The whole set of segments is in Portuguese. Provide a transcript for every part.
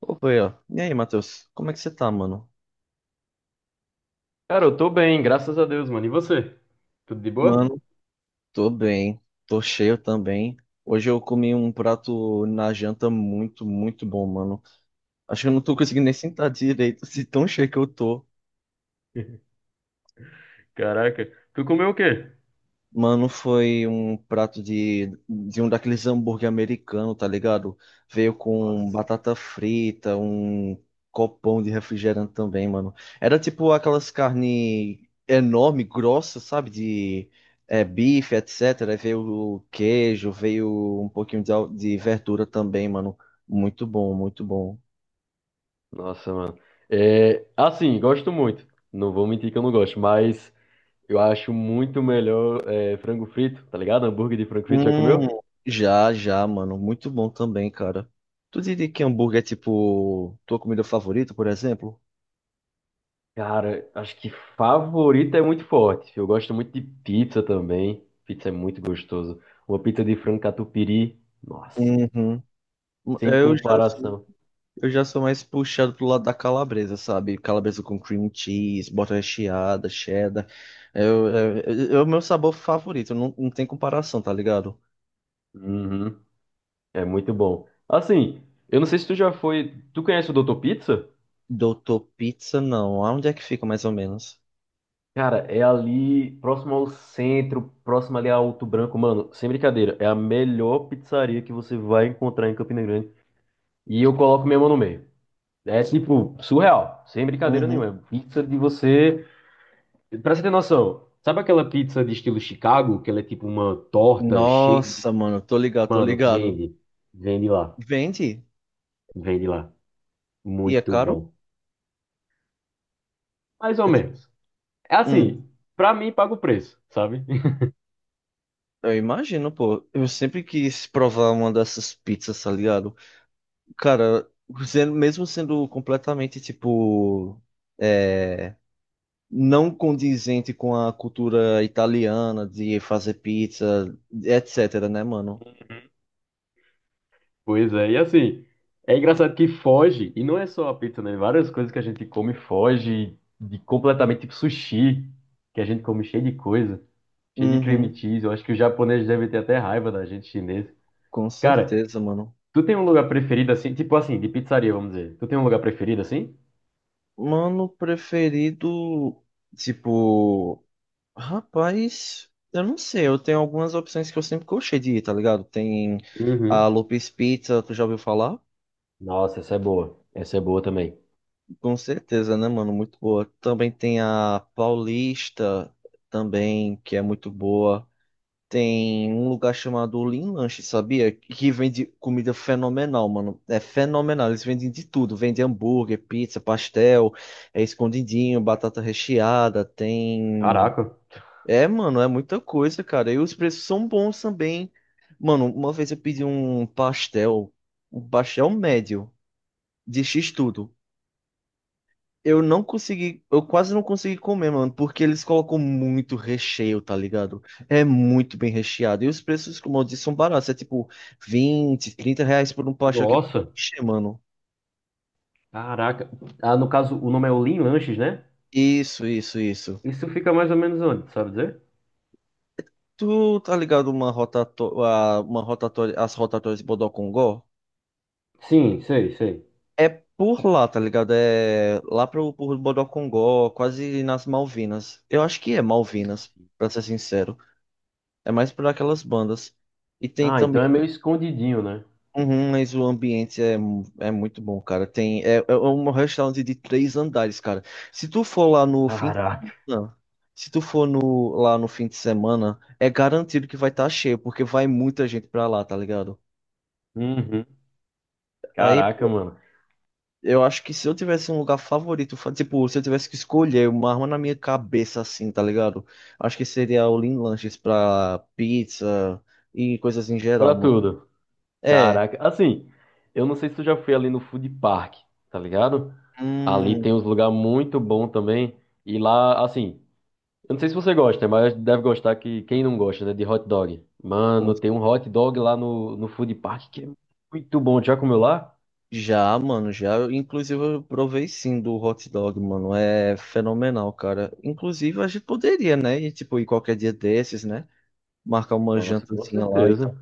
Opa, aí, ó. E aí, Matheus? Como é que você tá, mano? Cara, eu tô bem, graças a Deus, mano. E você? Tudo de boa? Mano, tô bem. Tô cheio também. Hoje eu comi um prato na janta muito, muito bom, mano. Acho que eu não tô conseguindo nem sentar direito, se tão cheio que eu tô. Caraca, tu comeu o quê? Mano, foi um prato de um daqueles hambúrguer americano, tá ligado? Veio com Nossa. batata frita, um copão de refrigerante também, mano. Era tipo aquelas carne enorme, grossa, sabe? De bife, etc. Aí veio o queijo, veio um pouquinho de, de verdura também, mano. Muito bom, muito bom. Nossa, mano. É, assim, gosto muito. Não vou mentir que eu não gosto, mas eu acho muito melhor frango frito, tá ligado? Hambúrguer de frango frito, já comeu? Hum, já, já, mano. Muito bom também, cara. Tu diria que hambúrguer é tipo tua comida favorita, por exemplo? Cara, acho que favorito é muito forte. Eu gosto muito de pizza também. Pizza é muito gostoso. Uma pizza de frango catupiry, nossa, Uhum. sem Eu já sou, comparação. eu já sou mais puxado pro lado da calabresa, sabe? Calabresa com cream cheese, bota recheada, cheddar. É o meu sabor favorito, não tem comparação, tá ligado? Uhum. É muito bom. Assim, eu não sei se tu já foi. Tu conhece o Doutor Pizza? Doutor Pizza, não. Aonde é que fica mais ou menos? Cara, é ali próximo ao centro, próximo ali ao Alto Branco. Mano, sem brincadeira, é a melhor pizzaria que você vai encontrar em Campina Grande. E eu coloco minha mão no meio. É tipo, surreal, sem brincadeira Uhum. nenhuma. É pizza de você. Pra você ter noção, sabe aquela pizza de estilo Chicago, que ela é tipo uma torta cheia. Nossa, mano, tô ligado, tô Mano, ligado. vende. Vende lá. Vende? Vende lá. E é Muito caro? bom. Mais ou É tipo, menos. É hum, assim, pra mim paga o preço, sabe? eu imagino, pô. Eu sempre quis provar uma dessas pizzas, tá ligado? Cara, mesmo sendo completamente, é, não condizente com a cultura italiana de fazer pizza, etc, né, mano? Pois é, e assim, é engraçado que foge, e não é só a pizza, né? Várias coisas que a gente come foge de completamente, tipo sushi, que a gente come cheio de coisa, cheio de cream Uhum, cheese. Eu acho que os japoneses devem ter até raiva da gente chinesa. com Cara, certeza, mano. tu tem um lugar preferido assim, tipo assim, de pizzaria, vamos dizer. Tu tem um lugar preferido assim? Mano preferido, tipo, rapaz, eu não sei, eu tenho algumas opções que eu sempre gostei de ir, tá ligado? Tem a Uhum. Lopes Pizza, tu já ouviu falar? Nossa, essa é boa. Essa é boa também. Com certeza, né, mano? Muito boa. Também tem a Paulista, também, que é muito boa. Tem um lugar chamado Lean Lanche, sabia? Que vende comida fenomenal, mano. É fenomenal. Eles vendem de tudo. Vendem hambúrguer, pizza, pastel, escondidinho, batata recheada. Tem. Caraca, É, mano, é muita coisa, cara. E os preços são bons também. Mano, uma vez eu pedi um pastel médio, de X tudo. Eu quase não consegui comer, mano, porque eles colocam muito recheio, tá ligado? É muito bem recheado. E os preços, como eu disse, são baratos. É tipo 20, 30 reais por um pastel que vai nossa, encher, mano. caraca. Ah, no caso, o nome é Olin Lanches, né? Isso, isso, isso. Isso fica mais ou menos onde, sabe dizer? Tu tá ligado uma rotatória, as rotatórias de Bodocongó? Sim, sei, sei. É por lá, tá ligado? É por Bodocongó, quase nas Malvinas. Eu acho que é Malvinas, pra ser sincero. É mais por aquelas bandas. E tem Ah, então também. é meio escondidinho, né? Uhum, mas é muito bom, cara. Tem, é um restaurante de três andares, cara. Se tu for lá no fim, Caraca. não. Se tu for lá no fim de semana, é garantido que vai estar cheio, porque vai muita gente pra lá, tá ligado? Uhum. Aí Caraca, pô, mano. eu acho que se eu tivesse um lugar favorito, tipo, se eu tivesse que escolher uma arma na minha cabeça, assim, tá ligado? Acho que seria o Lean Lanches pra pizza e coisas em geral, Pra mano. tudo. É, Caraca. Assim, eu não sei se tu já foi ali no Food Park, tá ligado? Ali hum, tem uns lugares muito bons também. E lá, assim, eu não sei se você gosta, mas deve gostar que quem não gosta, né, de hot dog. Mano, tem um hot dog lá no, no Food Park que é muito bom. Já comeu lá? Já, mano, já. Inclusive, eu provei sim do hot dog, mano. É fenomenal, cara. Inclusive, a gente poderia, né? E, tipo, ir qualquer dia desses, né? Marcar uma Nossa, com jantazinha lá e certeza. tal.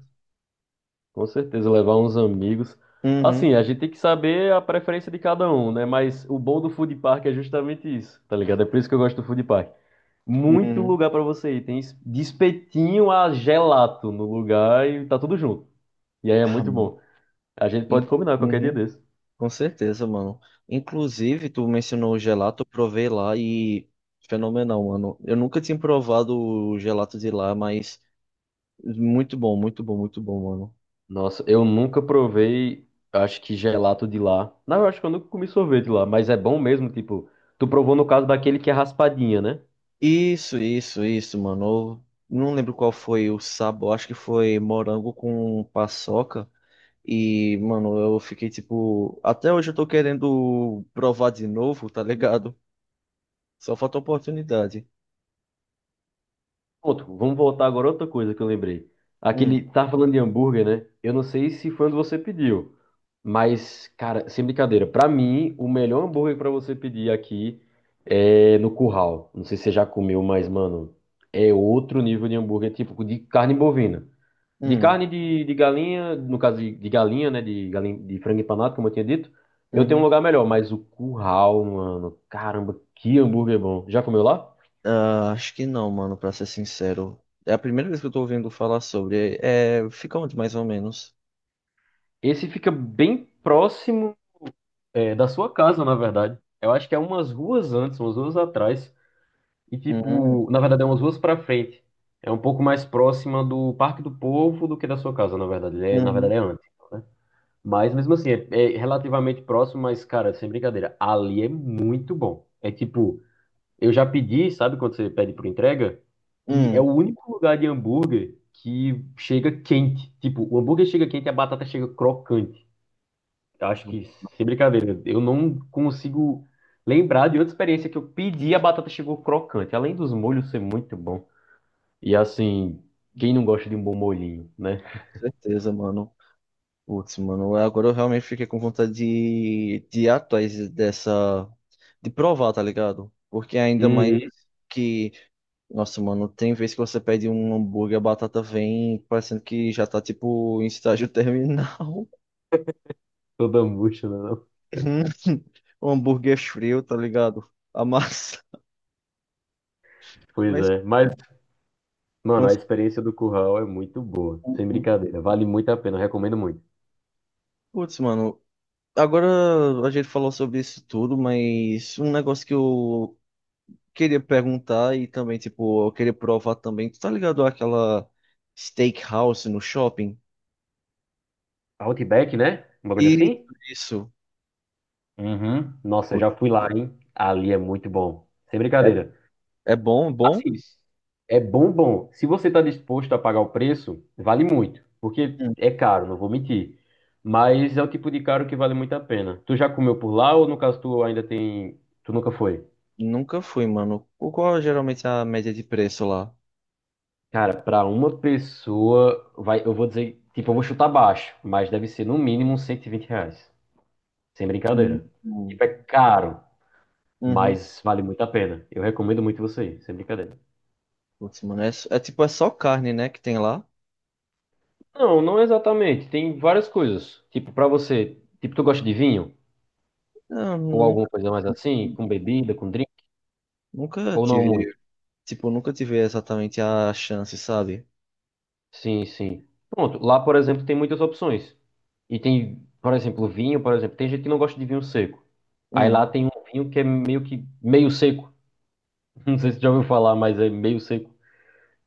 Com certeza, levar uns amigos. Uhum, Assim, a gente tem que saber a preferência de cada um, né? Mas o bom do food park é justamente isso, tá ligado? É por isso que eu gosto do food park. Muito uhum. lugar pra você ir. Tem de espetinho a gelato no lugar e tá tudo junto. E aí é Ah, muito mano. bom. A gente In- pode combinar qualquer dia Uhum, desse. com certeza, mano. Inclusive, tu mencionou o gelato, eu provei lá e fenomenal, mano. Eu nunca tinha provado o gelato de lá, mas muito bom, muito bom, muito bom, mano. Nossa, eu nunca provei, acho que gelato de lá. Não, eu acho que eu nunca comi sorvete lá, mas é bom mesmo, tipo, tu provou no caso daquele que é raspadinha, né? Isso, mano. Eu não lembro qual foi o sabor, acho que foi morango com paçoca. E, mano, eu fiquei tipo. Até hoje eu tô querendo provar de novo, tá ligado? Só falta oportunidade. Ponto. Vamos voltar agora a outra coisa que eu lembrei. Hum, Aquele, tá falando de hambúrguer, né? Eu não sei se foi onde você pediu, mas, cara, sem brincadeira, pra mim, o melhor hambúrguer pra você pedir aqui é no Curral. Não sei se você já comeu, mas, mano, é outro nível de hambúrguer, tipo de carne bovina. De hum, carne de galinha, no caso de galinha, né? De, galinha, de frango empanado, como eu tinha dito, eu tenho um uhum. lugar melhor, mas o Curral, mano, caramba, que hambúrguer bom. Já comeu lá? Ah, acho que não, mano, pra ser sincero. É a primeira vez que eu tô ouvindo falar sobre. É, fica onde mais ou menos? Esse fica bem próximo. É, da sua casa, na verdade. Eu acho que é umas ruas antes, umas ruas atrás. E, Uhum, tipo, na verdade, é umas ruas pra frente. É um pouco mais próxima do Parque do Povo do que da sua casa, na verdade. Ele é, na uhum, verdade, é antes, né? Mas, mesmo assim, é relativamente próximo, mas, cara, sem brincadeira, ali é muito bom. É tipo, eu já pedi, sabe, quando você pede por entrega? E é hum, o único lugar de hambúrguer que chega quente. Tipo, o hambúrguer chega quente e a batata chega crocante. Eu acho que, sem brincadeira, eu não consigo lembrar de outra experiência que eu pedi e a batata chegou crocante, além dos molhos ser muito bom. E assim, quem não gosta de um bom molhinho, né? com certeza, mano. Putz, mano, agora eu realmente fiquei com vontade de ir atrás dessa. De provar, tá ligado? Porque ainda mais Uhum. que. Nossa, mano, tem vez que você pede um hambúrguer, a batata vem parecendo que já tá, tipo, em estágio terminal. Toda murcha, né? Não? Um hambúrguer frio, tá ligado? A massa. Pois Mas, é. Mas, mano, não a sei. experiência do curral é muito boa, sem brincadeira. Vale muito a pena, eu recomendo muito. Putz, mano. Agora a gente falou sobre isso tudo, mas um negócio que eu queria perguntar e também, tipo, eu queria provar também. Tu tá ligado àquela steakhouse no shopping? Outback, né? Um bagulho Isso, assim? isso. Uhum. Nossa, Putz, já fui lá, hein? Ali é muito bom. Sem é, brincadeira. é bom, é bom? Assim, é bom, bom. Se você está disposto a pagar o preço, vale muito, porque Hum. é caro, não vou mentir. Mas é o tipo de caro que vale muito a pena. Tu já comeu por lá ou no caso tu ainda tem, tu nunca foi? Nunca fui, mano. O qual é geralmente a média de preço lá? Cara, para uma pessoa, vai, eu vou dizer, tipo, eu vou chutar baixo, mas deve ser no mínimo uns R$ 120. Sem Hum. brincadeira. Hum. Tipo, é caro, Uhum. mas vale muito a pena. Eu recomendo muito você ir, sem brincadeira. Putz, mano, é tipo, é só carne, né, que tem lá? Não, não exatamente. Tem várias coisas. Tipo, pra você, tipo, tu gosta de vinho? Eu Ou alguma nunca, coisa mais assim, com bebida, com drink, nunca ou não tive, muito? tipo, nunca tive exatamente a chance, sabe? Sim, sim. Pronto, lá, por exemplo, tem muitas opções. E tem, por exemplo, vinho, por exemplo, tem gente que não gosta de vinho seco. Aí Hum. lá tem um vinho que é meio que meio seco. Não sei se você já ouviu falar, mas é meio seco.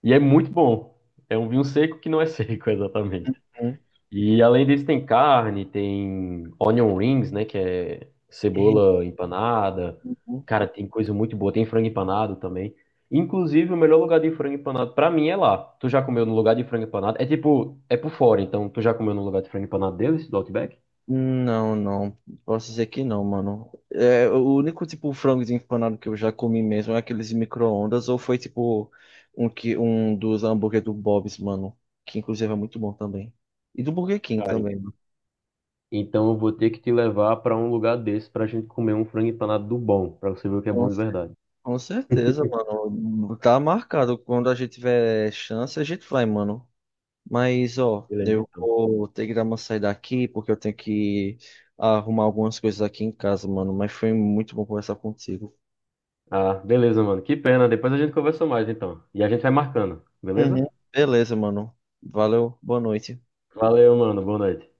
E é muito bom. É um vinho seco que não é seco, exatamente. Uhum. E além disso tem carne, tem onion rings, né, que é É, cebola empanada. uhum. Cara, tem coisa muito boa, tem frango empanado também. Inclusive, o melhor lugar de frango empanado pra mim é lá. Tu já comeu no lugar de frango empanado? É tipo, é por fora, então tu já comeu no lugar de frango empanado deles, do Outback? Não, não. Posso dizer que não, mano. É, o único tipo frango empanado que eu já comi mesmo é aqueles micro-ondas, ou foi tipo um dos hambúrguer do Bob's, mano. Que inclusive é muito bom também. E do Burger King Cara, também, mano. então eu vou ter que te levar pra um lugar desse pra gente comer um frango empanado do bom, pra você ver o que é Com, bom de cer- verdade. com certeza, mano. Tá marcado. Quando a gente tiver chance, a gente vai, mano. Mas, ó, Beleza, eu então. vou ter que dar uma saída aqui, porque eu tenho que arrumar algumas coisas aqui em casa, mano. Mas foi muito bom conversar contigo. Ah, beleza, mano. Que pena. Depois a gente conversa mais, então. E a gente vai marcando, Uhum. beleza? Beleza, mano. Valeu, boa noite. Valeu, mano. Boa noite.